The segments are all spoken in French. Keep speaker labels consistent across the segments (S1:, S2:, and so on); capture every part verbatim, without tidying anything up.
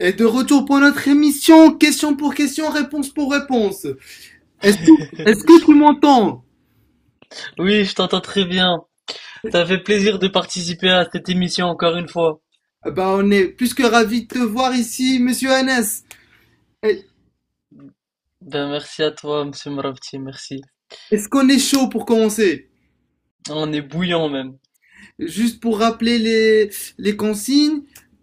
S1: Et de retour pour notre émission, question pour question, réponse pour réponse. Est-ce que, est-ce que tu m'entends?
S2: Oui, je t'entends très bien. Ça fait plaisir de participer à cette émission encore une fois.
S1: Bah on est plus que ravis de te voir ici, monsieur Hannes. Eh,
S2: Ben merci à toi, Monsieur Mravti, merci.
S1: Est-ce qu'on est chaud pour commencer?
S2: On est bouillant même.
S1: Juste pour rappeler les, les consignes,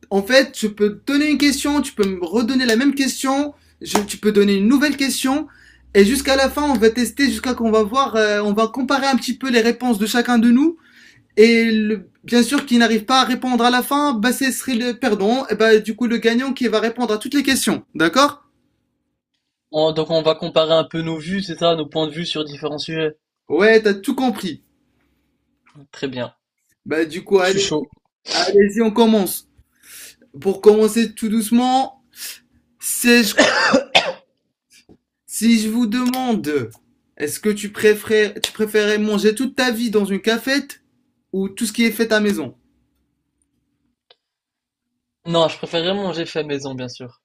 S1: en fait, je peux te donner une question, tu peux me redonner la même question, je- tu peux donner une nouvelle question, et jusqu'à la fin, on va tester, jusqu'à qu'on va voir, euh, on va comparer un petit peu les réponses de chacun de nous. Et le, bien sûr qui n'arrive pas à répondre à la fin, bah ce serait le perdant, et bah du coup le gagnant qui va répondre à toutes les questions, d'accord?
S2: On- donc on va comparer un peu nos vues, c'est ça, nos points de vue sur différents sujets.
S1: Ouais, t'as tout compris.
S2: Très bien.
S1: Bah du coup,
S2: Je suis
S1: allez,
S2: chaud.
S1: allez-y, on commence. Pour commencer tout doucement, si je, si je vous demande, est-ce que tu préférais, tu préférais manger toute ta vie dans une cafette ou tout ce qui est fait à maison?
S2: Non, je préférerais manger fait maison, bien sûr.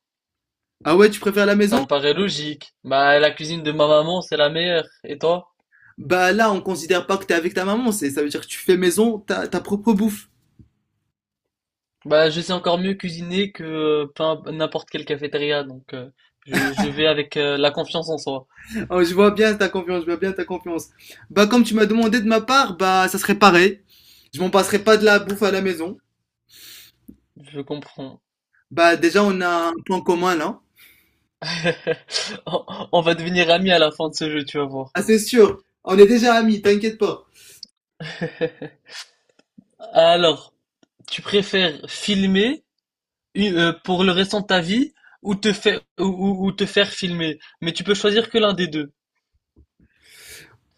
S1: Ah ouais, tu préfères la
S2: Ça
S1: maison?
S2: me paraît logique. Bah la cuisine de ma maman, c'est la meilleure. Et toi?
S1: Bah là, on considère pas que t'es avec ta maman, c'est ça veut dire que tu fais maison, ta, ta propre bouffe.
S2: Bah je sais encore mieux cuisiner que euh, peu imp- n'importe quelle cafétéria, donc euh, je, je vais avec euh, la confiance en soi.
S1: Oh, je vois bien ta confiance, je vois bien ta confiance. Bah, comme tu m'as demandé de ma part, bah, ça serait pareil. Je m'en passerai pas de la bouffe à la maison.
S2: Je comprends.
S1: Bah, déjà, on a un point commun, là.
S2: On on va devenir amis à la fin de ce jeu, tu vas voir.
S1: Ah, c'est sûr. On est déjà amis, t'inquiète pas.
S2: Alors, tu préfères filmer u- euh, pour le restant de ta vie ou te faire ou, ou- ou te faire filmer, mais tu peux choisir que l'un des deux.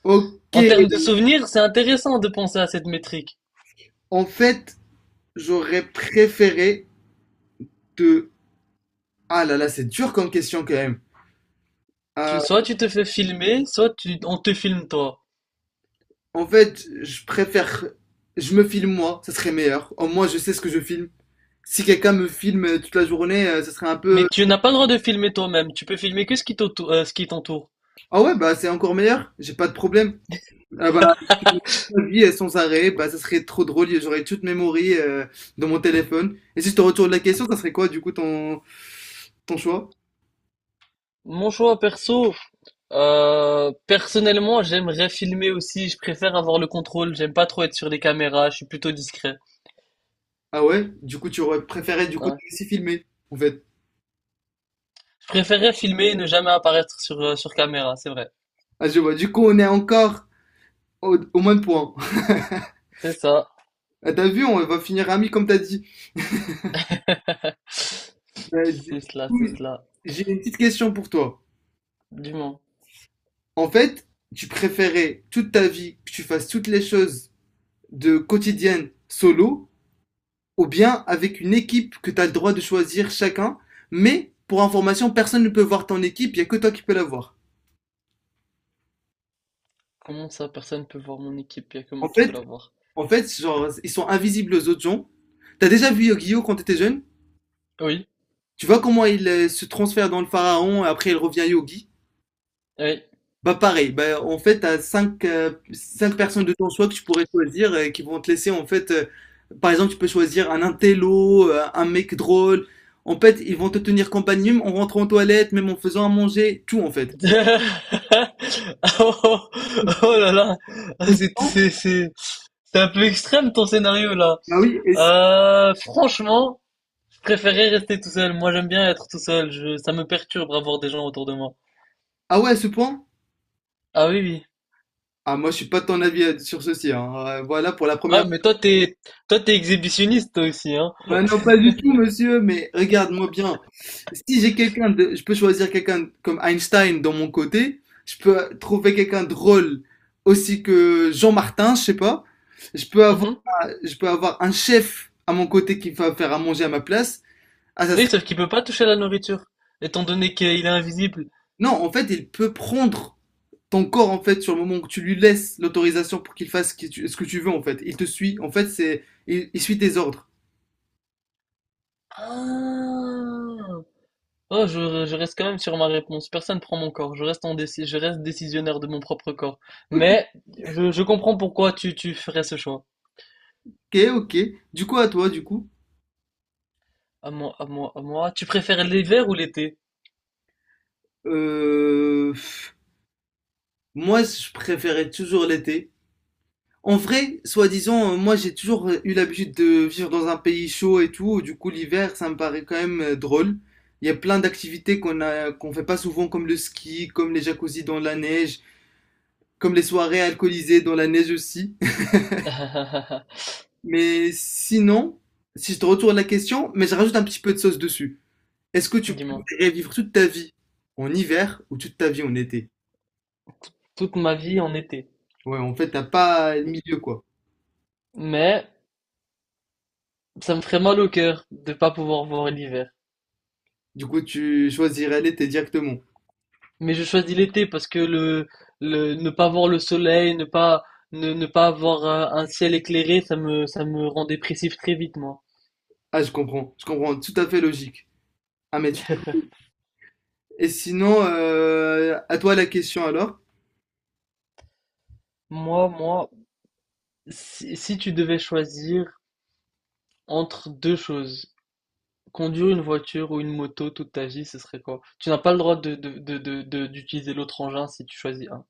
S1: Ok.
S2: En termes de souvenirs, c'est intéressant de penser à cette métrique.
S1: En fait, j'aurais préféré te... Ah là là, c'est dur comme question, quand même. Euh,
S2: Tu- soit tu te fais filmer, soit tu- on te filme toi.
S1: en fait, je préfère... Je me filme moi, ça serait meilleur. Au moins, je sais ce que je filme. Si quelqu'un me filme toute la journée, euh, ça serait un
S2: Mais
S1: peu...
S2: tu n'as pas le droit de filmer toi-même. Tu peux filmer que ce qui t'auto- euh, ce qui t'entoure.
S1: Ah ouais, bah, c'est encore meilleur. J'ai pas de problème. Ah bah, ma vie euh, sans arrêt, bah, ça serait trop drôle. J'aurais toute memory euh, dans mon téléphone. Et si je te retourne la question, ça serait quoi, du coup, ton, ton choix?
S2: Mon choix perso, Euh, personnellement, j'aimerais filmer aussi. Je préfère avoir le contrôle. J'aime pas trop être sur les caméras. Je suis plutôt discret.
S1: Ah ouais? Du coup, tu aurais préféré, du coup,
S2: Ouais.
S1: te laisser filmer, en fait.
S2: Je préférerais filmer et ne jamais apparaître sur, euh, sur caméra. C'est vrai.
S1: Ah, je vois. Du coup, on est encore au, au moins de points.
S2: C'est ça.
S1: Ah, t'as vu, on va finir amis, comme t'as dit. Euh, du
S2: C'est cela, c'est
S1: coup,
S2: cela.
S1: j'ai une petite question pour toi.
S2: Dis-moi,
S1: En fait, tu préférais toute ta vie que tu fasses toutes les choses de quotidienne solo ou bien avec une équipe que tu as le droit de choisir chacun, mais pour information, personne ne peut voir ton équipe, il n'y a que toi qui peux la voir.
S2: comment ça, personne peut voir mon équipe? Il n'y a que moi
S1: En
S2: qui peux
S1: fait,
S2: la voir.
S1: en fait, genre, ils sont invisibles aux autres gens. T'as déjà vu Yogi-Yo quand t'étais jeune?
S2: Oui,
S1: Tu vois comment il euh, se transfère dans le pharaon et après il revient Yogi.
S2: oui.
S1: Bah pareil, bah, en fait, t'as cinq, euh, cinq personnes de ton choix que tu pourrais choisir et qui vont te laisser en fait... euh, par exemple, tu peux choisir un intello, euh, un mec drôle. En fait, ils vont te tenir compagnie même en rentrant en toilette, même en faisant à manger, tout en fait.
S2: Oh, oh là là, Ah,
S1: Ou
S2: c'est
S1: sinon.
S2: c'est- c'est- c'est un peu extrême ton scénario là.
S1: Ah oui, et c'est-
S2: Euh, franchement, je préférais rester tout seul. Moi, j'aime bien être tout seul. Je, ça me perturbe avoir des gens autour de moi.
S1: Ah ouais, à ce point?
S2: Ah oui, oui.
S1: Ah, moi, je suis pas de ton avis euh, sur ceci, hein. Euh, Voilà, pour la
S2: Ah,
S1: première.
S2: mais toi, t'es, toi, t'es exhibitionniste, toi aussi, hein.
S1: Ah non, pas du tout, monsieur, mais regarde-moi bien. Si j'ai quelqu'un de... Je peux choisir quelqu'un comme Einstein dans mon côté. Je peux trouver quelqu'un de drôle aussi que Jean Martin, je sais pas. Je peux avoir,
S2: Mhm.
S1: je peux avoir un chef à mon côté qui va faire à manger à ma place. Ah, ça
S2: Oui,
S1: serait...
S2: sauf qu'il peut pas toucher à la nourriture, étant donné qu'il est invisible.
S1: Non, en fait, il peut prendre ton corps, en fait, sur le moment où tu lui laisses l'autorisation pour qu'il fasse ce que tu- ce que tu veux, en fait, il te suit. En fait, c'est, il, il suit tes ordres.
S2: Ah. Oh, je, je reste quand même sur ma réponse. Personne prend mon corps. Je reste en déci- je reste décisionnaire de mon propre corps. Mais je, je comprends pourquoi tu, tu ferais ce choix.
S1: Ok, ok. Du coup, à toi, du coup.
S2: À moi, à moi, à moi. Tu préfères l'hiver ou l'été?
S1: Euh, pff, moi, je préférais toujours l'été. En vrai, soi-disant, euh, moi, j'ai toujours eu l'habitude de vivre dans un pays chaud et tout. Du coup, l'hiver, ça me paraît quand même euh, drôle. Il y a plein d'activités qu'on a, qu'on fait pas souvent, comme le ski, comme les jacuzzis dans la neige, comme les soirées alcoolisées dans la neige aussi. Mais sinon, si je te retourne la question, mais je rajoute un petit peu de sauce dessus. Est-ce que tu
S2: Dis-moi.
S1: préférerais vivre toute ta vie en hiver ou toute ta vie en été?
S2: Toute ma vie en été.
S1: Ouais, en fait, t'as pas le milieu, quoi.
S2: Mais ça me ferait mal au cœur de pas pouvoir voir l'hiver.
S1: Du coup, tu choisirais l'été directement.
S2: Mais je choisis l'été parce que le, le ne pas voir le soleil, ne pas ne, ne pas avoir un, un ciel éclairé, ça me ça me rend dépressif très vite moi.
S1: Ah, je comprends. Je comprends. Tout à fait logique. Ah, mais tout à fait- Et sinon, euh, à toi la question alors?
S2: Moi moi si, si tu devais choisir entre deux choses, conduire une voiture ou une moto toute ta vie, ce serait quoi? Tu n'as pas le droit de de de de- de- d'utiliser l'autre engin si tu choisis un.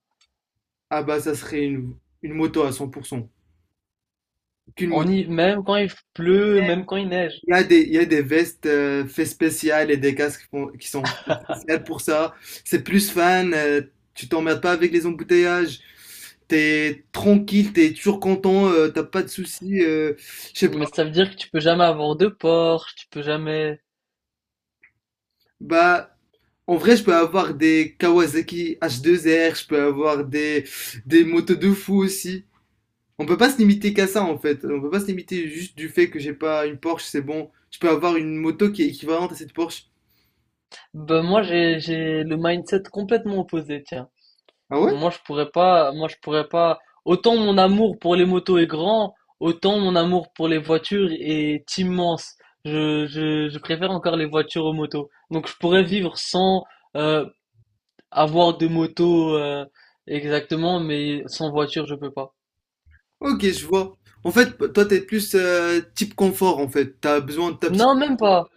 S1: Ah bah, ça serait une, une moto à cent pour cent. Qu'une
S2: En
S1: moto.
S2: hi- même quand il pleut, même quand il neige.
S1: Il y a des, il y a des vestes euh, fait spéciales et des casques qui font- qui sont spéciales pour ça. C'est plus fan, euh, tu t'emmerdes pas avec les embouteillages. T'es tranquille, t'es toujours content, euh, t'as pas de soucis. euh, je sais pas.
S2: Mais ça veut dire que tu peux jamais avoir de Porsche, tu peux jamais.
S1: Bah, en vrai, je peux avoir des Kawasaki H deux R, je peux avoir des, des motos de fou aussi. On peut pas se limiter qu'à ça en fait. On peut pas se limiter juste du fait que j'ai pas une Porsche, c'est bon. Je peux avoir une moto qui est équivalente à cette Porsche.
S2: Ben moi j'ai j'ai le mindset complètement opposé, tiens.
S1: Ah ouais?
S2: Moi je pourrais pas, moi je pourrais pas. Autant mon amour pour les motos est grand, autant mon amour pour les voitures est immense. Je je je préfère encore les voitures aux motos. Donc je pourrais vivre sans euh, avoir de moto euh, exactement, mais sans voiture je peux pas.
S1: Ok, je vois. En fait, toi, t'es plus euh, type confort, en fait. T'as besoin de ta petite...
S2: Non, même pas.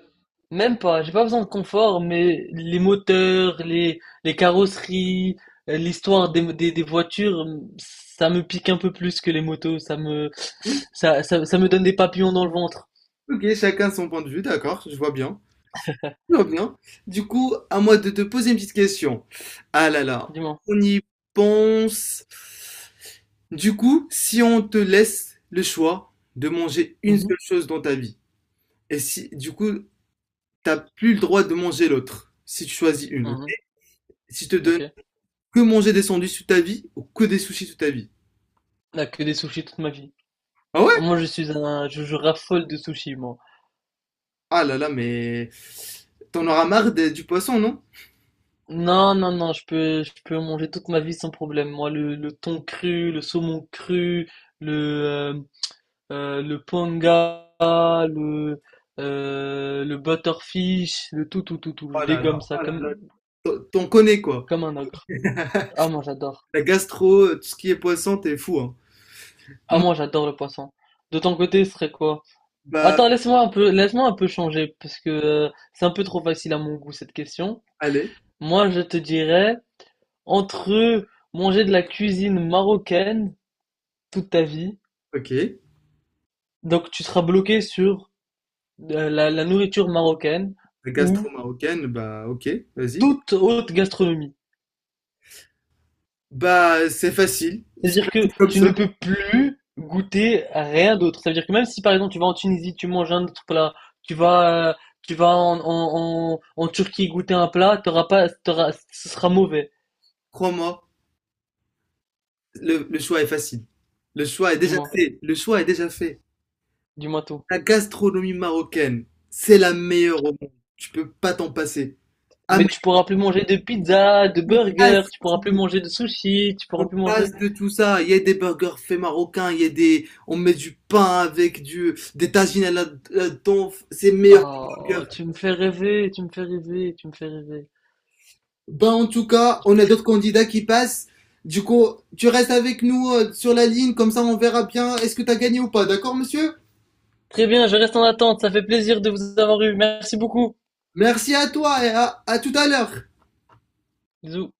S2: Même pas, j'ai pas besoin de confort, mais les moteurs, les, les carrosseries, euh, l'histoire des, des, des voitures, ça me pique un peu plus que les motos, ça me,
S1: vie.
S2: ça, ça, ça me donne des papillons dans le ventre,
S1: Ok, chacun son point de vue, d'accord, je vois bien. Je vois bien. Du coup, à moi de te poser une petite question. Ah là là,
S2: dis-moi.
S1: on y pense. Du coup, si on te laisse le choix de manger une
S2: Mhm.
S1: seule chose dans ta vie, et si, du coup, t'as plus le droit de manger l'autre, si tu choisis une, ok?
S2: Mhm,
S1: Si je te donne
S2: ok.
S1: que manger des sandwichs toute ta vie, ou que des sushis toute ta vie.
S2: Ah, que des sushis toute ma vie.
S1: Ah ouais?
S2: Moi, je suis un, je, je raffole de sushis, moi.
S1: Ah là là, mais t'en auras marre des- du poisson, non?
S2: Non, non, non, je peux, je peux manger toute ma vie sans problème. Moi, le, le thon cru, le saumon cru, le, euh, euh, le panga, le, euh, le butterfish, le tout, tout, tout, tout. Je
S1: Oh là là,
S2: dégomme ça
S1: oh là
S2: comme,
S1: là, t'en t'en connais quoi.
S2: comme un ogre. Ah, moi j'adore.
S1: La gastro, euh, tout ce qui est poisson, t'es fou, hein.
S2: Ah,
S1: Moi,
S2: moi j'adore le poisson. De ton côté, ce serait quoi?
S1: bah,
S2: Attends, laisse-moi un peu, laisse-moi un peu changer, parce que euh, c'est un peu trop facile à mon goût cette question.
S1: allez,
S2: Moi, je te dirais, entre manger de la cuisine marocaine toute ta vie,
S1: ok.
S2: donc tu seras bloqué sur euh, la, la nourriture marocaine
S1: La gastro
S2: ou
S1: marocaine, bah, ok, vas-y.
S2: toute haute gastronomie.
S1: Bah, c'est facile. C'est
S2: C'est-à-dire que
S1: facile comme
S2: tu
S1: ça.
S2: ne peux plus goûter à rien d'autre. Ça veut dire que même si par exemple tu vas en Tunisie, tu manges un autre plat, tu vas, euh, tu vas en, en, en, en Turquie goûter un plat, t'auras pas, t'auras- ce sera mauvais,
S1: Crois-moi, le, le choix est facile. Le choix est
S2: du
S1: déjà
S2: moins,
S1: fait. Le choix est déjà fait.
S2: du moins tout.
S1: La gastronomie marocaine, c'est la meilleure au monde. Tu peux pas t'en passer. Ah,
S2: Mais tu pourras plus manger de pizza, de
S1: mais
S2: burger, tu pourras plus manger de sushi, tu pourras
S1: on
S2: plus manger.
S1: passe de tout ça. Il y a des burgers faits marocains, il y a des, on met du pain avec du, des tagines à là-dedans. C'est meilleur que les
S2: Oh,
S1: burgers.
S2: tu me fais rêver, tu me fais rêver, tu me fais rêver.
S1: Ben, en tout cas, on a d'autres candidats qui passent. Du coup, tu restes avec nous euh, sur la ligne, comme ça on verra bien est-ce que t'as gagné ou pas. D'accord, monsieur?
S2: Très bien, je reste en attente, ça fait plaisir de vous avoir eu. Merci beaucoup.
S1: Merci à toi et à à tout à l'heure.
S2: Bisous.